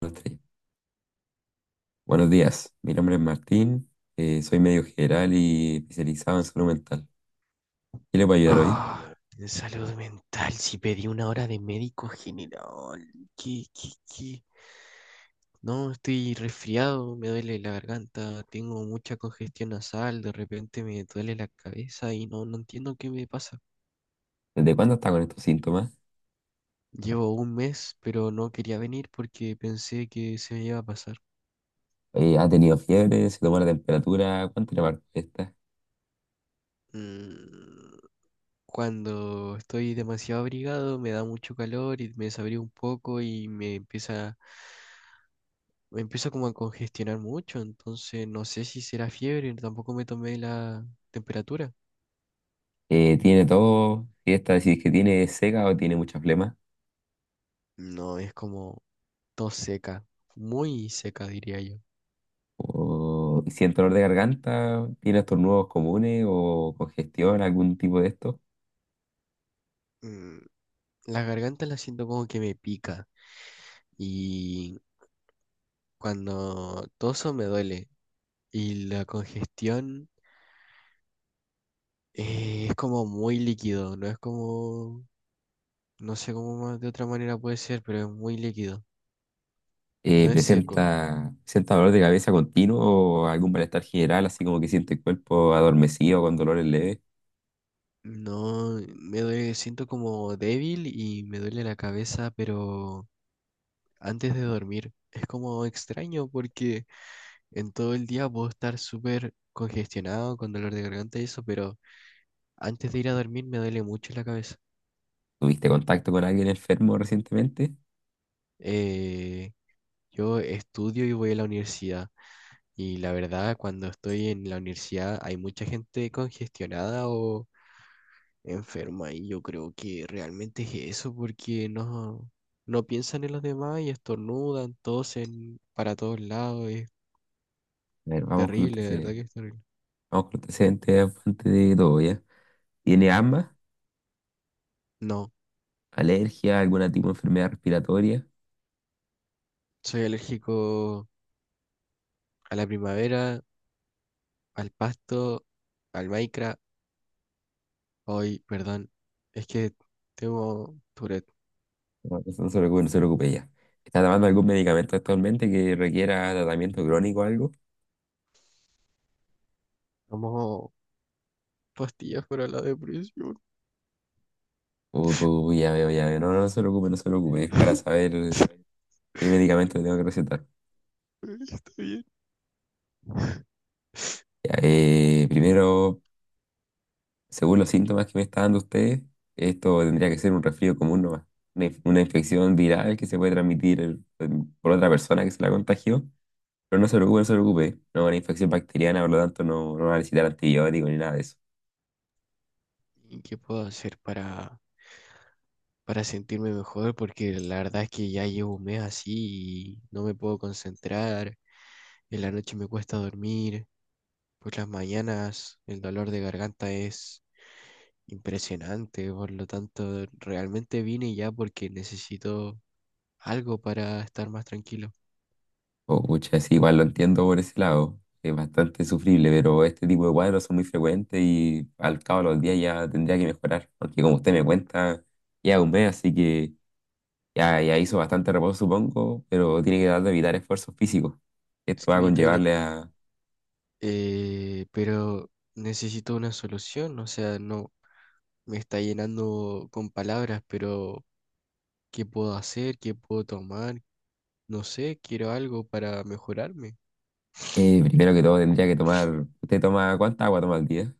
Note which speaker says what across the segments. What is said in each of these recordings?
Speaker 1: Uno, tres. Buenos días, mi nombre es Martín, soy médico general y especializado en salud mental. ¿Qué le puedo ayudar hoy?
Speaker 2: Ah, en salud mental, si pedí una hora de médico general. ¿Qué? No, estoy resfriado, me duele la garganta, tengo mucha congestión nasal, de repente me duele la cabeza y no entiendo qué me pasa.
Speaker 1: ¿Desde cuándo está con estos síntomas?
Speaker 2: Llevo un mes, pero no quería venir porque pensé que se me iba a pasar.
Speaker 1: ¿Ha tenido fiebre? ¿Se tomó la temperatura? ¿Cuánto le marcó esta?
Speaker 2: Mm, Cuando estoy demasiado abrigado, me da mucho calor y me desabrigo un poco y me empiezo como a congestionar mucho, entonces no sé si será fiebre, tampoco me tomé la temperatura.
Speaker 1: ¿Tiene todo? ¿Si esta decís que tiene seca o tiene mucha flema?
Speaker 2: No, es como tos seca, muy seca diría yo.
Speaker 1: ¿O siente dolor de garganta? ¿Tiene estornudos comunes o congestión, algún tipo de esto?
Speaker 2: Mm, La garganta la siento como que me pica y cuando toso me duele y la congestión es como muy líquido, no es como, no sé cómo más de otra manera puede ser, pero es muy líquido, no
Speaker 1: Eh,
Speaker 2: es seco.
Speaker 1: ¿presenta, presenta dolor de cabeza continuo o algún malestar general, así como que siente el cuerpo adormecido con dolores leves?
Speaker 2: No, me duele, siento como débil y me duele la cabeza, pero antes de dormir es como extraño porque en todo el día puedo estar súper congestionado con dolor de garganta y eso, pero antes de ir a dormir me duele mucho la cabeza.
Speaker 1: ¿Tuviste contacto con alguien enfermo recientemente?
Speaker 2: Eh, yo estudio y voy a la universidad y la verdad cuando estoy en la universidad hay mucha gente congestionada o enferma y yo creo que realmente es eso porque no piensan en los demás y estornudan, tosen para todos lados, es
Speaker 1: A ver, vamos con los
Speaker 2: terrible, de verdad
Speaker 1: antecedentes.
Speaker 2: que es terrible.
Speaker 1: Vamos con los antecedentes antes de todo, ¿ya? ¿Tiene asma,
Speaker 2: No,
Speaker 1: alergia, alguna tipo de enfermedad respiratoria?
Speaker 2: soy alérgico a la primavera, al pasto, al Minecraft. Hoy, perdón, es que tengo Tourette,
Speaker 1: No, eso no se preocupe, no se preocupe ya. ¿Está tomando algún medicamento actualmente que requiera tratamiento crónico o algo?
Speaker 2: tomo pastillas para la depresión.
Speaker 1: Ya veo, ya veo. No, no se preocupe, no se preocupe. Es para saber es, qué medicamento le tengo que recetar.
Speaker 2: Está bien.
Speaker 1: Ya, primero. Según los síntomas que me está dando ustedes, esto tendría que ser un resfrío común nomás. Una, una infección viral que se puede transmitir por otra persona que se la contagió. Pero no se preocupe, no se preocupe. No, una infección bacteriana, por lo tanto, no, no va a necesitar antibióticos ni nada de eso.
Speaker 2: ¿Y qué puedo hacer para sentirme mejor? Porque la verdad es que ya llevo un mes así y no me puedo concentrar, en la noche me cuesta dormir, por las mañanas el dolor de garganta es impresionante, por lo tanto realmente vine ya porque necesito algo para estar más tranquilo.
Speaker 1: Oh, pucha, sí, igual lo entiendo por ese lado. Es bastante sufrible, pero este tipo de cuadros son muy frecuentes y al cabo de los días ya tendría que mejorar. Porque como usted me cuenta, ya un mes, así que ya, ya hizo bastante reposo, supongo, pero tiene que tratar de evitar esfuerzos físicos. Esto va a
Speaker 2: Skibidi toilet.
Speaker 1: conllevarle a...
Speaker 2: Pero necesito una solución, o sea, no me está llenando con palabras, pero ¿qué puedo hacer? ¿Qué puedo tomar? No sé, quiero algo para mejorarme.
Speaker 1: primero que todo
Speaker 2: Sí.
Speaker 1: tendría que tomar... ¿Usted toma cuánta agua toma al día?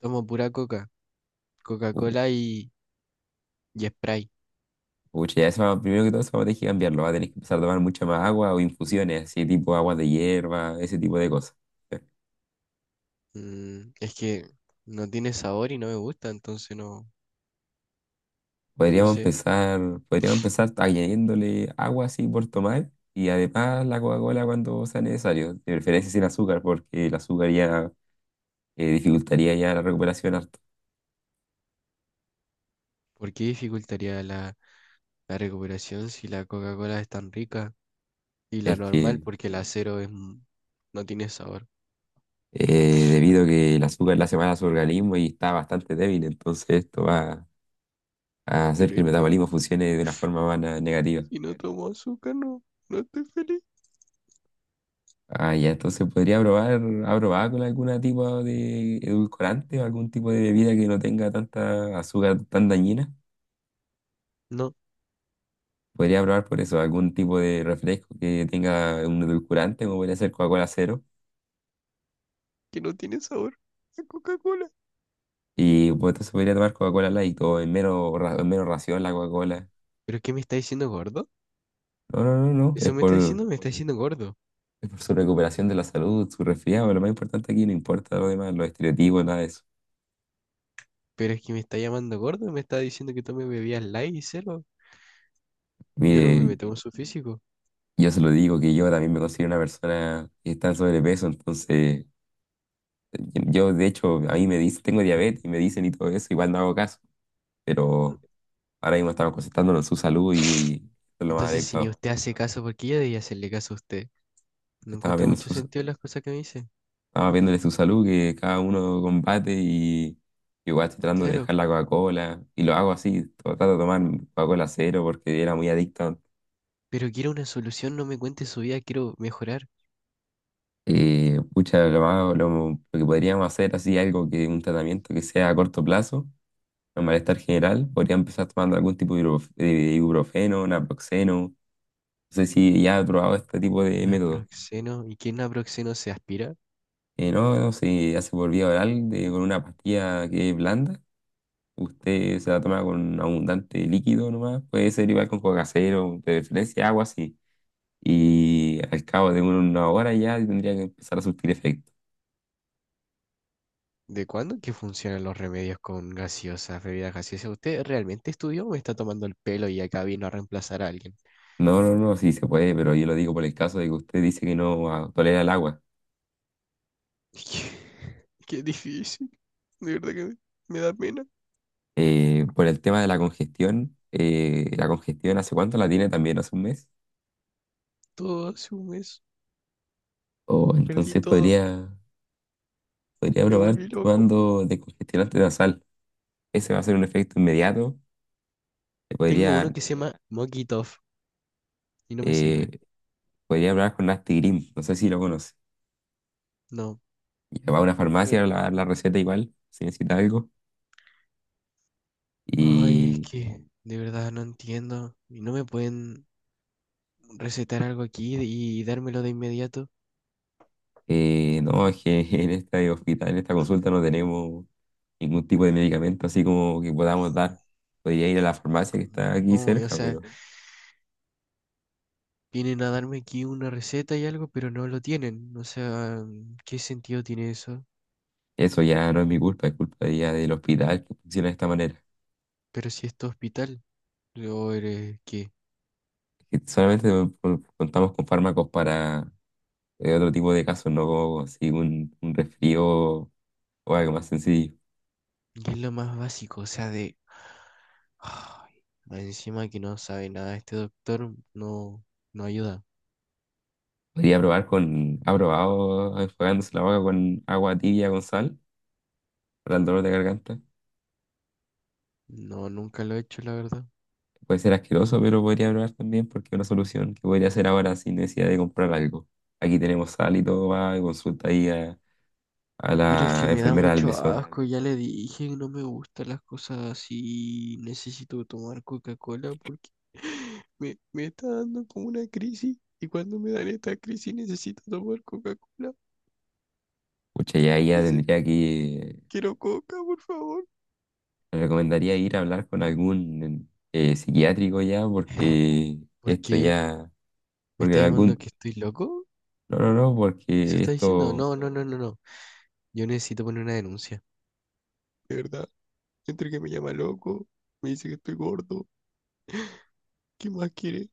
Speaker 2: Tomo pura coca,
Speaker 1: U-
Speaker 2: Coca-Cola y Sprite.
Speaker 1: Pucha, ya primero que todo eso va a tener que cambiarlo. Va a tener que empezar a tomar mucha más agua o infusiones, así tipo agua de hierba, ese tipo de cosas.
Speaker 2: Es que no tiene sabor y no me gusta, entonces no, no
Speaker 1: Podríamos
Speaker 2: sé
Speaker 1: empezar, podríamos empezar añadiéndole agua así por tomar y además la Coca-Cola cuando sea necesario, de preferencia sin azúcar, porque el azúcar ya dificultaría ya la recuperación harto.
Speaker 2: por qué dificultaría la, la recuperación si la Coca-Cola es tan rica y la
Speaker 1: Es
Speaker 2: normal,
Speaker 1: que
Speaker 2: porque la cero es, no tiene sabor.
Speaker 1: debido a que el azúcar le hace mal a su organismo y está bastante débil, entonces esto va a hacer
Speaker 2: Pero
Speaker 1: que el
Speaker 2: es que
Speaker 1: metabolismo funcione de una forma más negativa.
Speaker 2: si no tomo azúcar no, no estoy feliz.
Speaker 1: Ah, ya, entonces podría probar, ¿ha probado con algún tipo de edulcorante o algún tipo de bebida que no tenga tanta azúcar tan dañina?
Speaker 2: No,
Speaker 1: Podría probar por eso, algún tipo de refresco que tenga un edulcorante, como podría ser Coca-Cola cero.
Speaker 2: que no tiene sabor la Coca-Cola.
Speaker 1: Y pues entonces podría tomar Coca-Cola light o en menos, en menos ración la Coca-Cola.
Speaker 2: ¿Pero qué me está diciendo, gordo?
Speaker 1: No, no, no, no. Es
Speaker 2: Eso
Speaker 1: por,
Speaker 2: me está diciendo gordo.
Speaker 1: es por su recuperación de la salud, su resfriado, pero lo más importante aquí no importa lo demás, los estereotipos, nada de eso.
Speaker 2: Pero es que me está llamando gordo y me está diciendo que tome bebidas light y cero. Yo no me
Speaker 1: Mire,
Speaker 2: meto con su físico.
Speaker 1: yo se lo digo que yo también me considero una persona que está en sobrepeso, entonces yo de hecho a mí me dicen, tengo diabetes y me dicen y todo eso, igual no hago caso, pero ahora mismo estamos concentrándonos en su salud y, eso es lo más
Speaker 2: Entonces, si ni
Speaker 1: adecuado.
Speaker 2: usted hace caso, ¿por qué yo debía hacerle caso a usted? No
Speaker 1: Estaba
Speaker 2: encuentro
Speaker 1: viendo
Speaker 2: mucho
Speaker 1: su,
Speaker 2: sentido en las cosas que me dice.
Speaker 1: estaba viéndole su salud, que cada uno combate y igual estoy tratando de
Speaker 2: Claro,
Speaker 1: dejar la Coca-Cola y lo hago así, trato de tomar Coca-Cola cero porque era muy adicto.
Speaker 2: pero quiero una solución, no me cuente su vida, quiero mejorar.
Speaker 1: Pucha, lo que podríamos hacer así algo que un tratamiento que sea a corto plazo, un malestar general, podría empezar tomando algún tipo de ibuprofeno, naproxeno, no sé si ya has probado este tipo de método.
Speaker 2: Naproxeno. ¿Y qué naproxeno se aspira?
Speaker 1: No, no sé, hace por vía oral con una pastilla que es blanda, usted se la toma con abundante líquido nomás, puede ser igual con coca cero, de preferencia agua así, y al cabo de una hora ya tendría que empezar a surtir efecto.
Speaker 2: ¿De cuándo que funcionan los remedios con gaseosas, bebidas gaseosas? ¿Usted realmente estudió o me está tomando el pelo y acá vino a reemplazar a alguien?
Speaker 1: No, no, no, sí se puede, pero yo lo digo por el caso de que usted dice que no tolera el agua.
Speaker 2: Qué qué difícil. De verdad que me da pena.
Speaker 1: Por el tema de la congestión hace cuánto la tiene también, hace un mes.
Speaker 2: Todo hace un mes.
Speaker 1: O
Speaker 2: Perdí
Speaker 1: entonces
Speaker 2: todo.
Speaker 1: podría, podría
Speaker 2: Me
Speaker 1: probar
Speaker 2: volví loco.
Speaker 1: tomando descongestionante nasal. Ese va a ser un efecto inmediato. Le
Speaker 2: Tengo uno
Speaker 1: podría,
Speaker 2: que se llama Mokitov y no me
Speaker 1: eh,
Speaker 2: sirve.
Speaker 1: podría hablar con Nastigrim, no sé si lo conoce.
Speaker 2: No.
Speaker 1: Y va a una
Speaker 2: Eh,
Speaker 1: farmacia, le va a dar la receta igual, si necesita algo.
Speaker 2: ay, es
Speaker 1: Y
Speaker 2: que de verdad no entiendo. ¿Y no me pueden recetar algo aquí y dármelo de inmediato?
Speaker 1: no, es que en esta hospital, en esta consulta no tenemos ningún tipo de medicamento así como que podamos dar. Podría ir a la farmacia que está aquí
Speaker 2: ¿Cómo? O
Speaker 1: cerca,
Speaker 2: sea,
Speaker 1: pero
Speaker 2: vienen a darme aquí una receta y algo, pero no lo tienen. O sea, ¿qué sentido tiene eso?
Speaker 1: eso ya no es mi culpa, es culpa ya del hospital que funciona de esta manera.
Speaker 2: Pero si esto es hospital, o eres qué.
Speaker 1: Que solamente contamos con fármacos para otro tipo de casos, no como así un resfrío o algo más sencillo.
Speaker 2: Y es lo más básico, o sea, de... Ay, más encima que no sabe nada este doctor, no, no ayuda.
Speaker 1: Podría probar con, ha probado enjuagándose la boca con agua tibia con sal para el dolor de garganta.
Speaker 2: No, nunca lo he hecho, la verdad.
Speaker 1: Puede ser asqueroso, pero podría probar también porque es una solución que podría hacer ahora sin necesidad de comprar algo. Aquí tenemos sal y todo, va, y consulta ahí a
Speaker 2: Pero es que
Speaker 1: la
Speaker 2: me da
Speaker 1: enfermera del
Speaker 2: mucho
Speaker 1: mesón.
Speaker 2: asco, ya le dije, no me gustan las cosas así. Necesito tomar Coca-Cola porque me está dando como una crisis. Y cuando me dan esta crisis necesito tomar Coca-Cola.
Speaker 1: Pucha, ya ya
Speaker 2: Dice,
Speaker 1: tendría que,
Speaker 2: quiero Coca, por favor.
Speaker 1: le recomendaría ir a hablar con algún psiquiátrico ya, porque
Speaker 2: ¿Por
Speaker 1: esto
Speaker 2: qué?
Speaker 1: ya,
Speaker 2: ¿Me
Speaker 1: porque
Speaker 2: está llamando
Speaker 1: algún,
Speaker 2: que estoy loco?
Speaker 1: no, no, no,
Speaker 2: ¿Eso
Speaker 1: porque
Speaker 2: está diciendo?
Speaker 1: esto,
Speaker 2: No, no, no, no, no. Yo necesito poner una denuncia. De verdad, entre que me llama loco, me dice que estoy gordo. ¿Qué más quiere?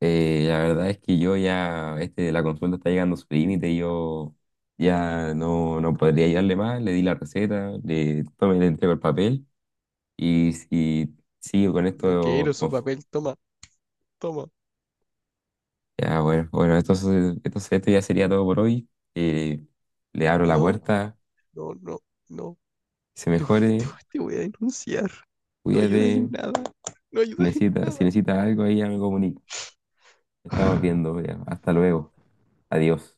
Speaker 1: la verdad es que yo ya, este, la consulta está llegando a su límite y yo ya no, no podría ayudarle más, le di la receta, le, tome, le entrego el papel. Y sí,
Speaker 2: No
Speaker 1: con
Speaker 2: no quiero
Speaker 1: esto,
Speaker 2: su
Speaker 1: uf,
Speaker 2: papel, toma, toma.
Speaker 1: ya bueno, bueno, esto ya sería todo por hoy. Eh, le abro la
Speaker 2: No.
Speaker 1: puerta,
Speaker 2: No, no, no.
Speaker 1: que se mejore,
Speaker 2: Te voy a denunciar. No ayudas en
Speaker 1: cuídate,
Speaker 2: nada. No ayudas en
Speaker 1: si necesitas algo ahí ya me comunico. Estamos
Speaker 2: nada.
Speaker 1: viendo, ya. Hasta luego, adiós.